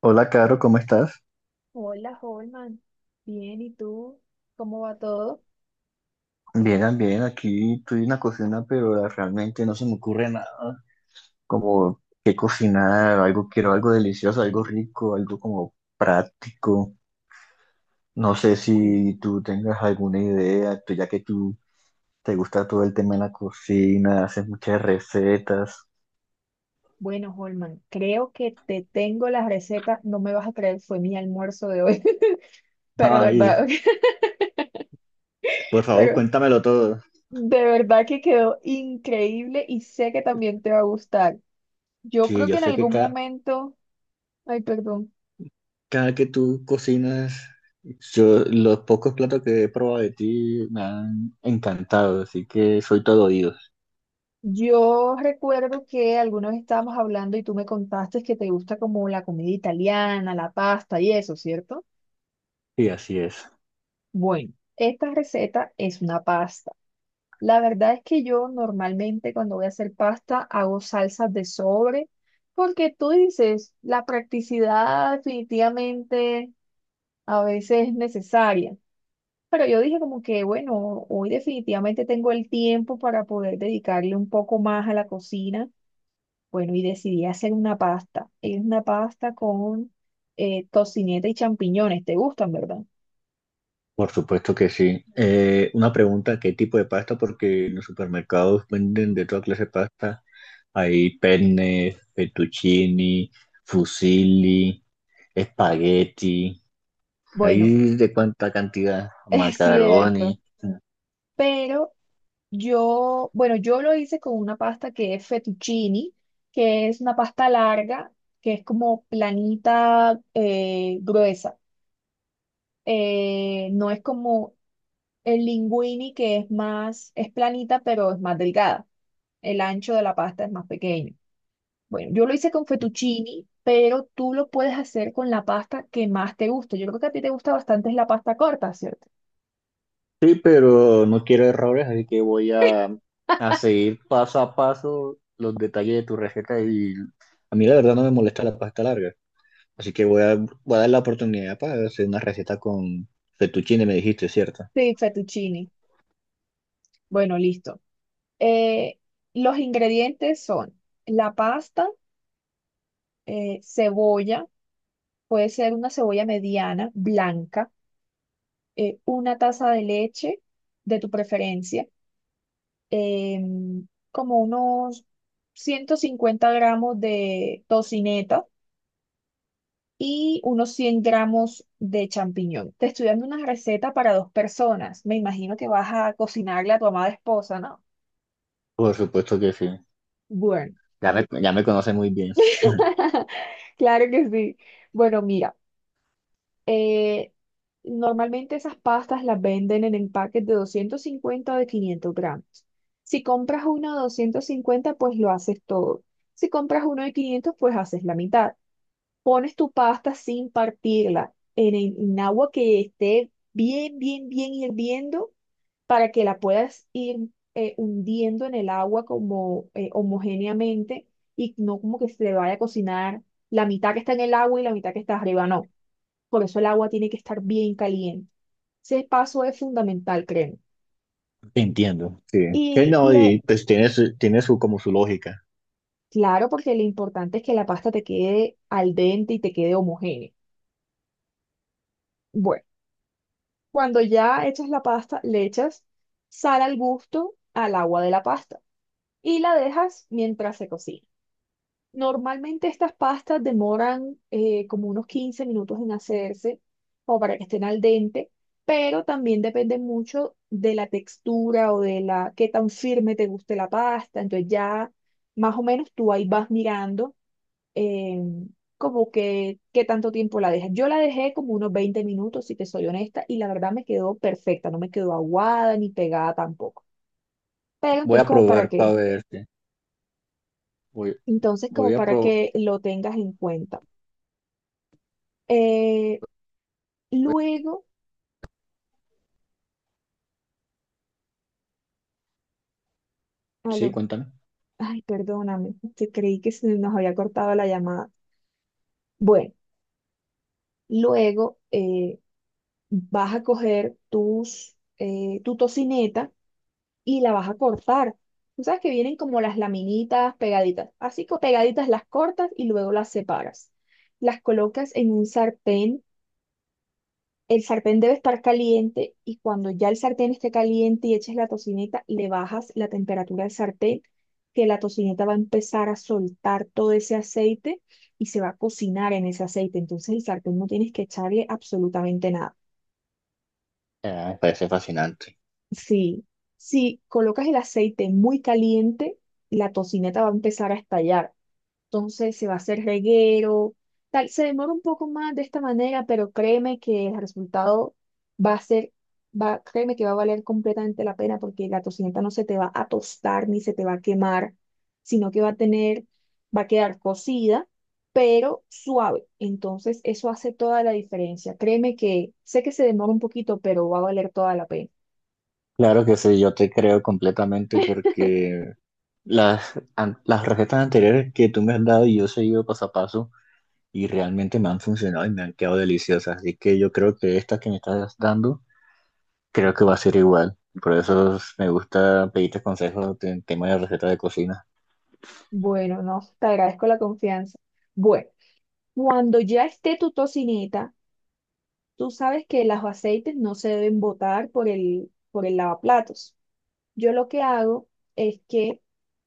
Hola, Caro, ¿cómo estás? Hola, Holman. Bien, ¿y tú? ¿Cómo va todo? Bien, bien, aquí estoy en la cocina, pero realmente no se me ocurre nada. Como qué cocinar, algo quiero, algo delicioso, algo rico, algo como práctico. No sé Uy, si tú tengas alguna idea, ya que tú te gusta todo el tema de la cocina, haces muchas recetas. bueno, Holman, creo que te tengo las recetas. No me vas a creer, fue mi almuerzo de hoy. Pero de Ay, verdad, por favor, pero cuéntamelo todo. de verdad que quedó increíble y sé que también te va a gustar. Yo Sí, creo yo que en sé que algún momento, ay, perdón, cada que tú cocinas, yo los pocos platos que he probado de ti me han encantado, así que soy todo oídos. yo recuerdo que alguna vez estábamos hablando y tú me contaste que te gusta como la comida italiana, la pasta y eso, ¿cierto? Sí, así es. Bueno, esta receta es una pasta. La verdad es que yo normalmente cuando voy a hacer pasta hago salsas de sobre, porque tú dices, la practicidad definitivamente a veces es necesaria. Pero yo dije como que, bueno, hoy definitivamente tengo el tiempo para poder dedicarle un poco más a la cocina. Bueno, y decidí hacer una pasta. Es una pasta con tocineta y champiñones. ¿Te gustan, verdad? Por supuesto que sí. Una pregunta, ¿qué tipo de pasta? Porque en los supermercados venden de toda clase de pasta. Hay penne, fettuccini, fusilli, espagueti, Bueno, hay de cuánta cantidad, es cierto. macaroni. Pero yo, bueno, yo lo hice con una pasta que es fettuccine, que es una pasta larga, que es como planita, gruesa. No es como el linguini, que es más, es planita, pero es más delgada. El ancho de la pasta es más pequeño. Bueno, yo lo hice con fettuccini, pero tú lo puedes hacer con la pasta que más te guste. Yo creo que a ti te gusta bastante es la pasta corta, ¿cierto? Sí, pero no quiero errores, así que a seguir paso a paso los detalles de tu receta y a mí la verdad no me molesta la pasta larga, así que voy a dar la oportunidad para hacer una receta con fettuccine, me dijiste, ¿cierto? Sí, fettuccini. Bueno, listo. Eh, los ingredientes son la pasta, cebolla, puede ser una cebolla mediana, blanca, una taza de leche de tu preferencia, como unos 150 gramos de tocineta y unos 100 gramos de champiñón. Te estoy dando una receta para dos personas. Me imagino que vas a cocinarle a tu amada esposa, ¿no? Por supuesto que sí, Bueno, ya me conoces muy bien. claro que sí. Bueno, mira, eh, normalmente esas pastas las venden en empaques de 250 o de 500 gramos. Si compras uno de 250, pues lo haces todo. Si compras uno de 500, pues haces la mitad. Pones tu pasta sin partirla en, en agua que esté bien, bien, bien hirviendo para que la puedas ir hundiendo en el agua como homogéneamente y no como que se le vaya a cocinar la mitad que está en el agua y la mitad que está arriba, no. Por eso el agua tiene que estar bien caliente. Ese paso es fundamental, créeme. Entiendo, sí. Que Y no, le, y pues tiene su, como su lógica. claro, porque lo importante es que la pasta te quede al dente y te quede homogénea. Bueno. Cuando ya echas la pasta, le echas sal al gusto al agua de la pasta y la dejas mientras se cocina. Normalmente estas pastas demoran como unos 15 minutos en hacerse o para que estén al dente, pero también depende mucho de la textura o de la qué tan firme te guste la pasta. Entonces ya más o menos tú ahí vas mirando eh, como que qué tanto tiempo la dejas. Yo la dejé como unos 20 minutos, si te soy honesta, y la verdad me quedó perfecta, no me quedó aguada ni pegada tampoco. Pero Voy entonces a como para probar para que, verte. Voy, entonces voy como a para probar, que lo tengas en cuenta. Eh, luego, sí, aló, cuéntame. ay, perdóname, te creí que se nos había cortado la llamada. Bueno, luego vas a coger tus, tu tocineta y la vas a cortar. Tú sabes que vienen como las laminitas pegaditas. Así que pegaditas las cortas y luego las separas. Las colocas en un sartén. El sartén debe estar caliente y cuando ya el sartén esté caliente y eches la tocineta, le bajas la temperatura al sartén, que la tocineta va a empezar a soltar todo ese aceite y se va a cocinar en ese aceite. Entonces el sartén no tienes que echarle absolutamente nada. Ah, me parece fascinante. Sí, si colocas el aceite muy caliente, la tocineta va a empezar a estallar. Entonces se va a hacer reguero, tal. Se demora un poco más de esta manera, pero créeme que el resultado va a ser, va, créeme que va a valer completamente la pena porque la tocineta no se te va a tostar ni se te va a quemar, sino que va a tener, va a quedar cocida, pero suave. Entonces eso hace toda la diferencia. Créeme que sé que se demora un poquito, pero va a valer toda la pena. Claro que sí, yo te creo completamente porque las recetas anteriores que tú me has dado y yo he seguido paso a paso y realmente me han funcionado y me han quedado deliciosas. Así que yo creo que esta que me estás dando, creo que va a ser igual. Por eso me gusta pedirte consejos en tema de recetas de cocina. Bueno, no, te agradezco la confianza. Bueno, cuando ya esté tu tocineta, tú sabes que los aceites no se deben botar por el lavaplatos. Yo lo que hago es que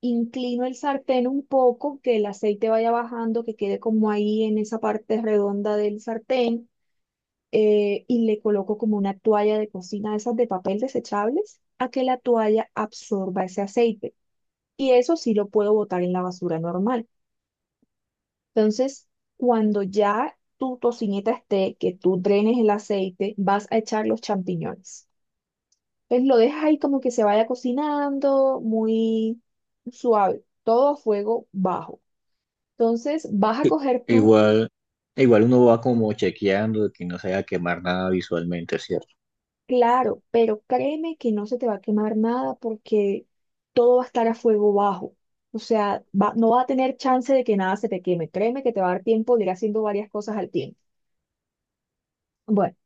inclino el sartén un poco, que el aceite vaya bajando, que quede como ahí en esa parte redonda del sartén, y le coloco como una toalla de cocina, de esas de papel desechables, a que la toalla absorba ese aceite. Y eso sí lo puedo botar en la basura normal. Entonces, cuando ya tu tocineta esté, que tú drenes el aceite, vas a echar los champiñones. Entonces, lo dejas ahí como que se vaya cocinando, muy suave, todo a fuego bajo. Entonces, vas a coger tú, Igual, igual uno va como chequeando de que no se vaya a quemar nada visualmente, ¿cierto? claro, pero créeme que no se te va a quemar nada porque todo va a estar a fuego bajo. O sea, no va a tener chance de que nada se te queme. Créeme que te va a dar tiempo de ir haciendo varias cosas al tiempo. Bueno.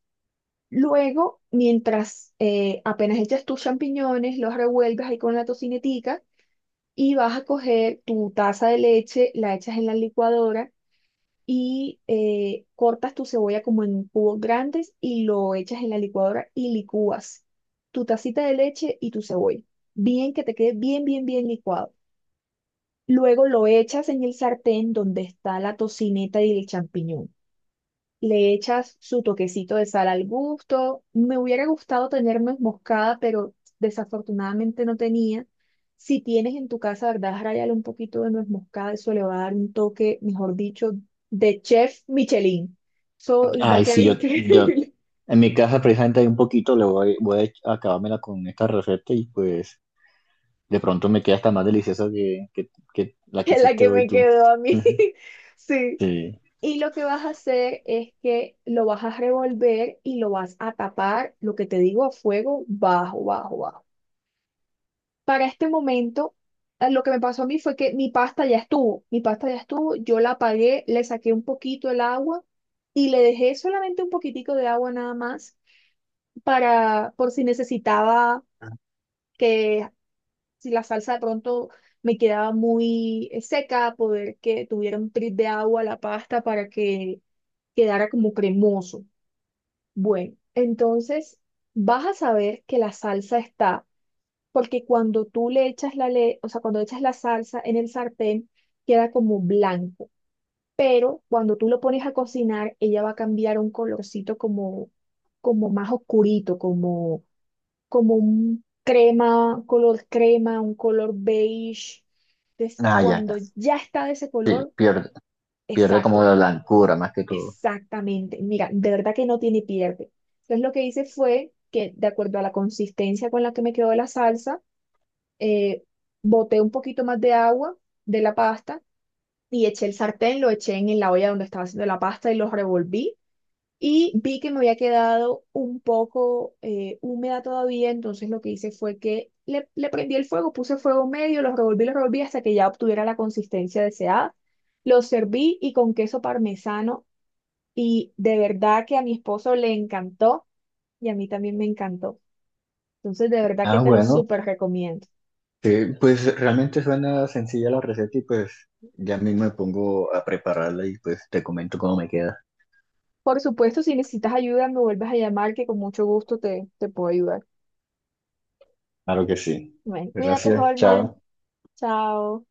Luego, mientras apenas echas tus champiñones, los revuelves ahí con la tocinetica y vas a coger tu taza de leche, la echas en la licuadora y cortas tu cebolla como en cubos grandes y lo echas en la licuadora y licúas tu tacita de leche y tu cebolla. Bien que te quede bien, bien, bien licuado. Luego lo echas en el sartén donde está la tocineta y el champiñón. Le echas su toquecito de sal al gusto. Me hubiera gustado tener nuez moscada, pero desafortunadamente no tenía. Si tienes en tu casa, ¿verdad? Rayale un poquito de nuez moscada, eso le va a dar un toque, mejor dicho, de chef Michelin. Eso va a Ay, quedar sí, yo increíble. en mi casa precisamente hay un poquito, voy a acabármela con esta receta y pues... De pronto me queda hasta más deliciosa que la que Es la hiciste que hoy me tú. quedó a mí. Ujú. Sí. Sí. Y lo que vas a hacer es que lo vas a revolver y lo vas a tapar, lo que te digo, a fuego bajo, bajo, bajo. Para este momento, lo que me pasó a mí fue que mi pasta ya estuvo, yo la apagué, le saqué un poquito el agua y le dejé solamente un poquitico de agua nada más para, por si necesitaba que, si la salsa de pronto me quedaba muy seca, poder que tuviera un trit de agua la pasta para que quedara como cremoso. Bueno, entonces vas a saber que la salsa está porque cuando tú le echas la le- o sea, cuando echas la salsa en el sartén, queda como blanco, pero cuando tú lo pones a cocinar, ella va a cambiar un colorcito como, como más oscurito, como, como un crema, color crema, un color beige. Entonces, Ah, ya, cuando ya. ya está de ese color, Pierde, pierde como exacto, la blancura más que todo. exactamente. Mira, de verdad que no tiene pierde. Entonces, lo que hice fue que, de acuerdo a la consistencia con la que me quedó la salsa, eh, boté un poquito más de agua de la pasta y eché el sartén, lo eché en la olla donde estaba haciendo la pasta y lo revolví. Y vi que me había quedado un poco húmeda todavía, entonces lo que hice fue que le prendí el fuego, puse fuego medio, lo revolví hasta que ya obtuviera la consistencia deseada. Lo serví y con queso parmesano y de verdad que a mi esposo le encantó y a mí también me encantó. Entonces de verdad que Ah, te lo bueno. súper recomiendo. Sí, pues realmente suena sencilla la receta y pues ya mismo me pongo a prepararla y pues te comento cómo me queda. Por supuesto, si necesitas ayuda, me vuelves a llamar, que con mucho gusto te puedo ayudar. Claro que sí. Bueno, cuídate, Gracias, Holman. chao. Chao.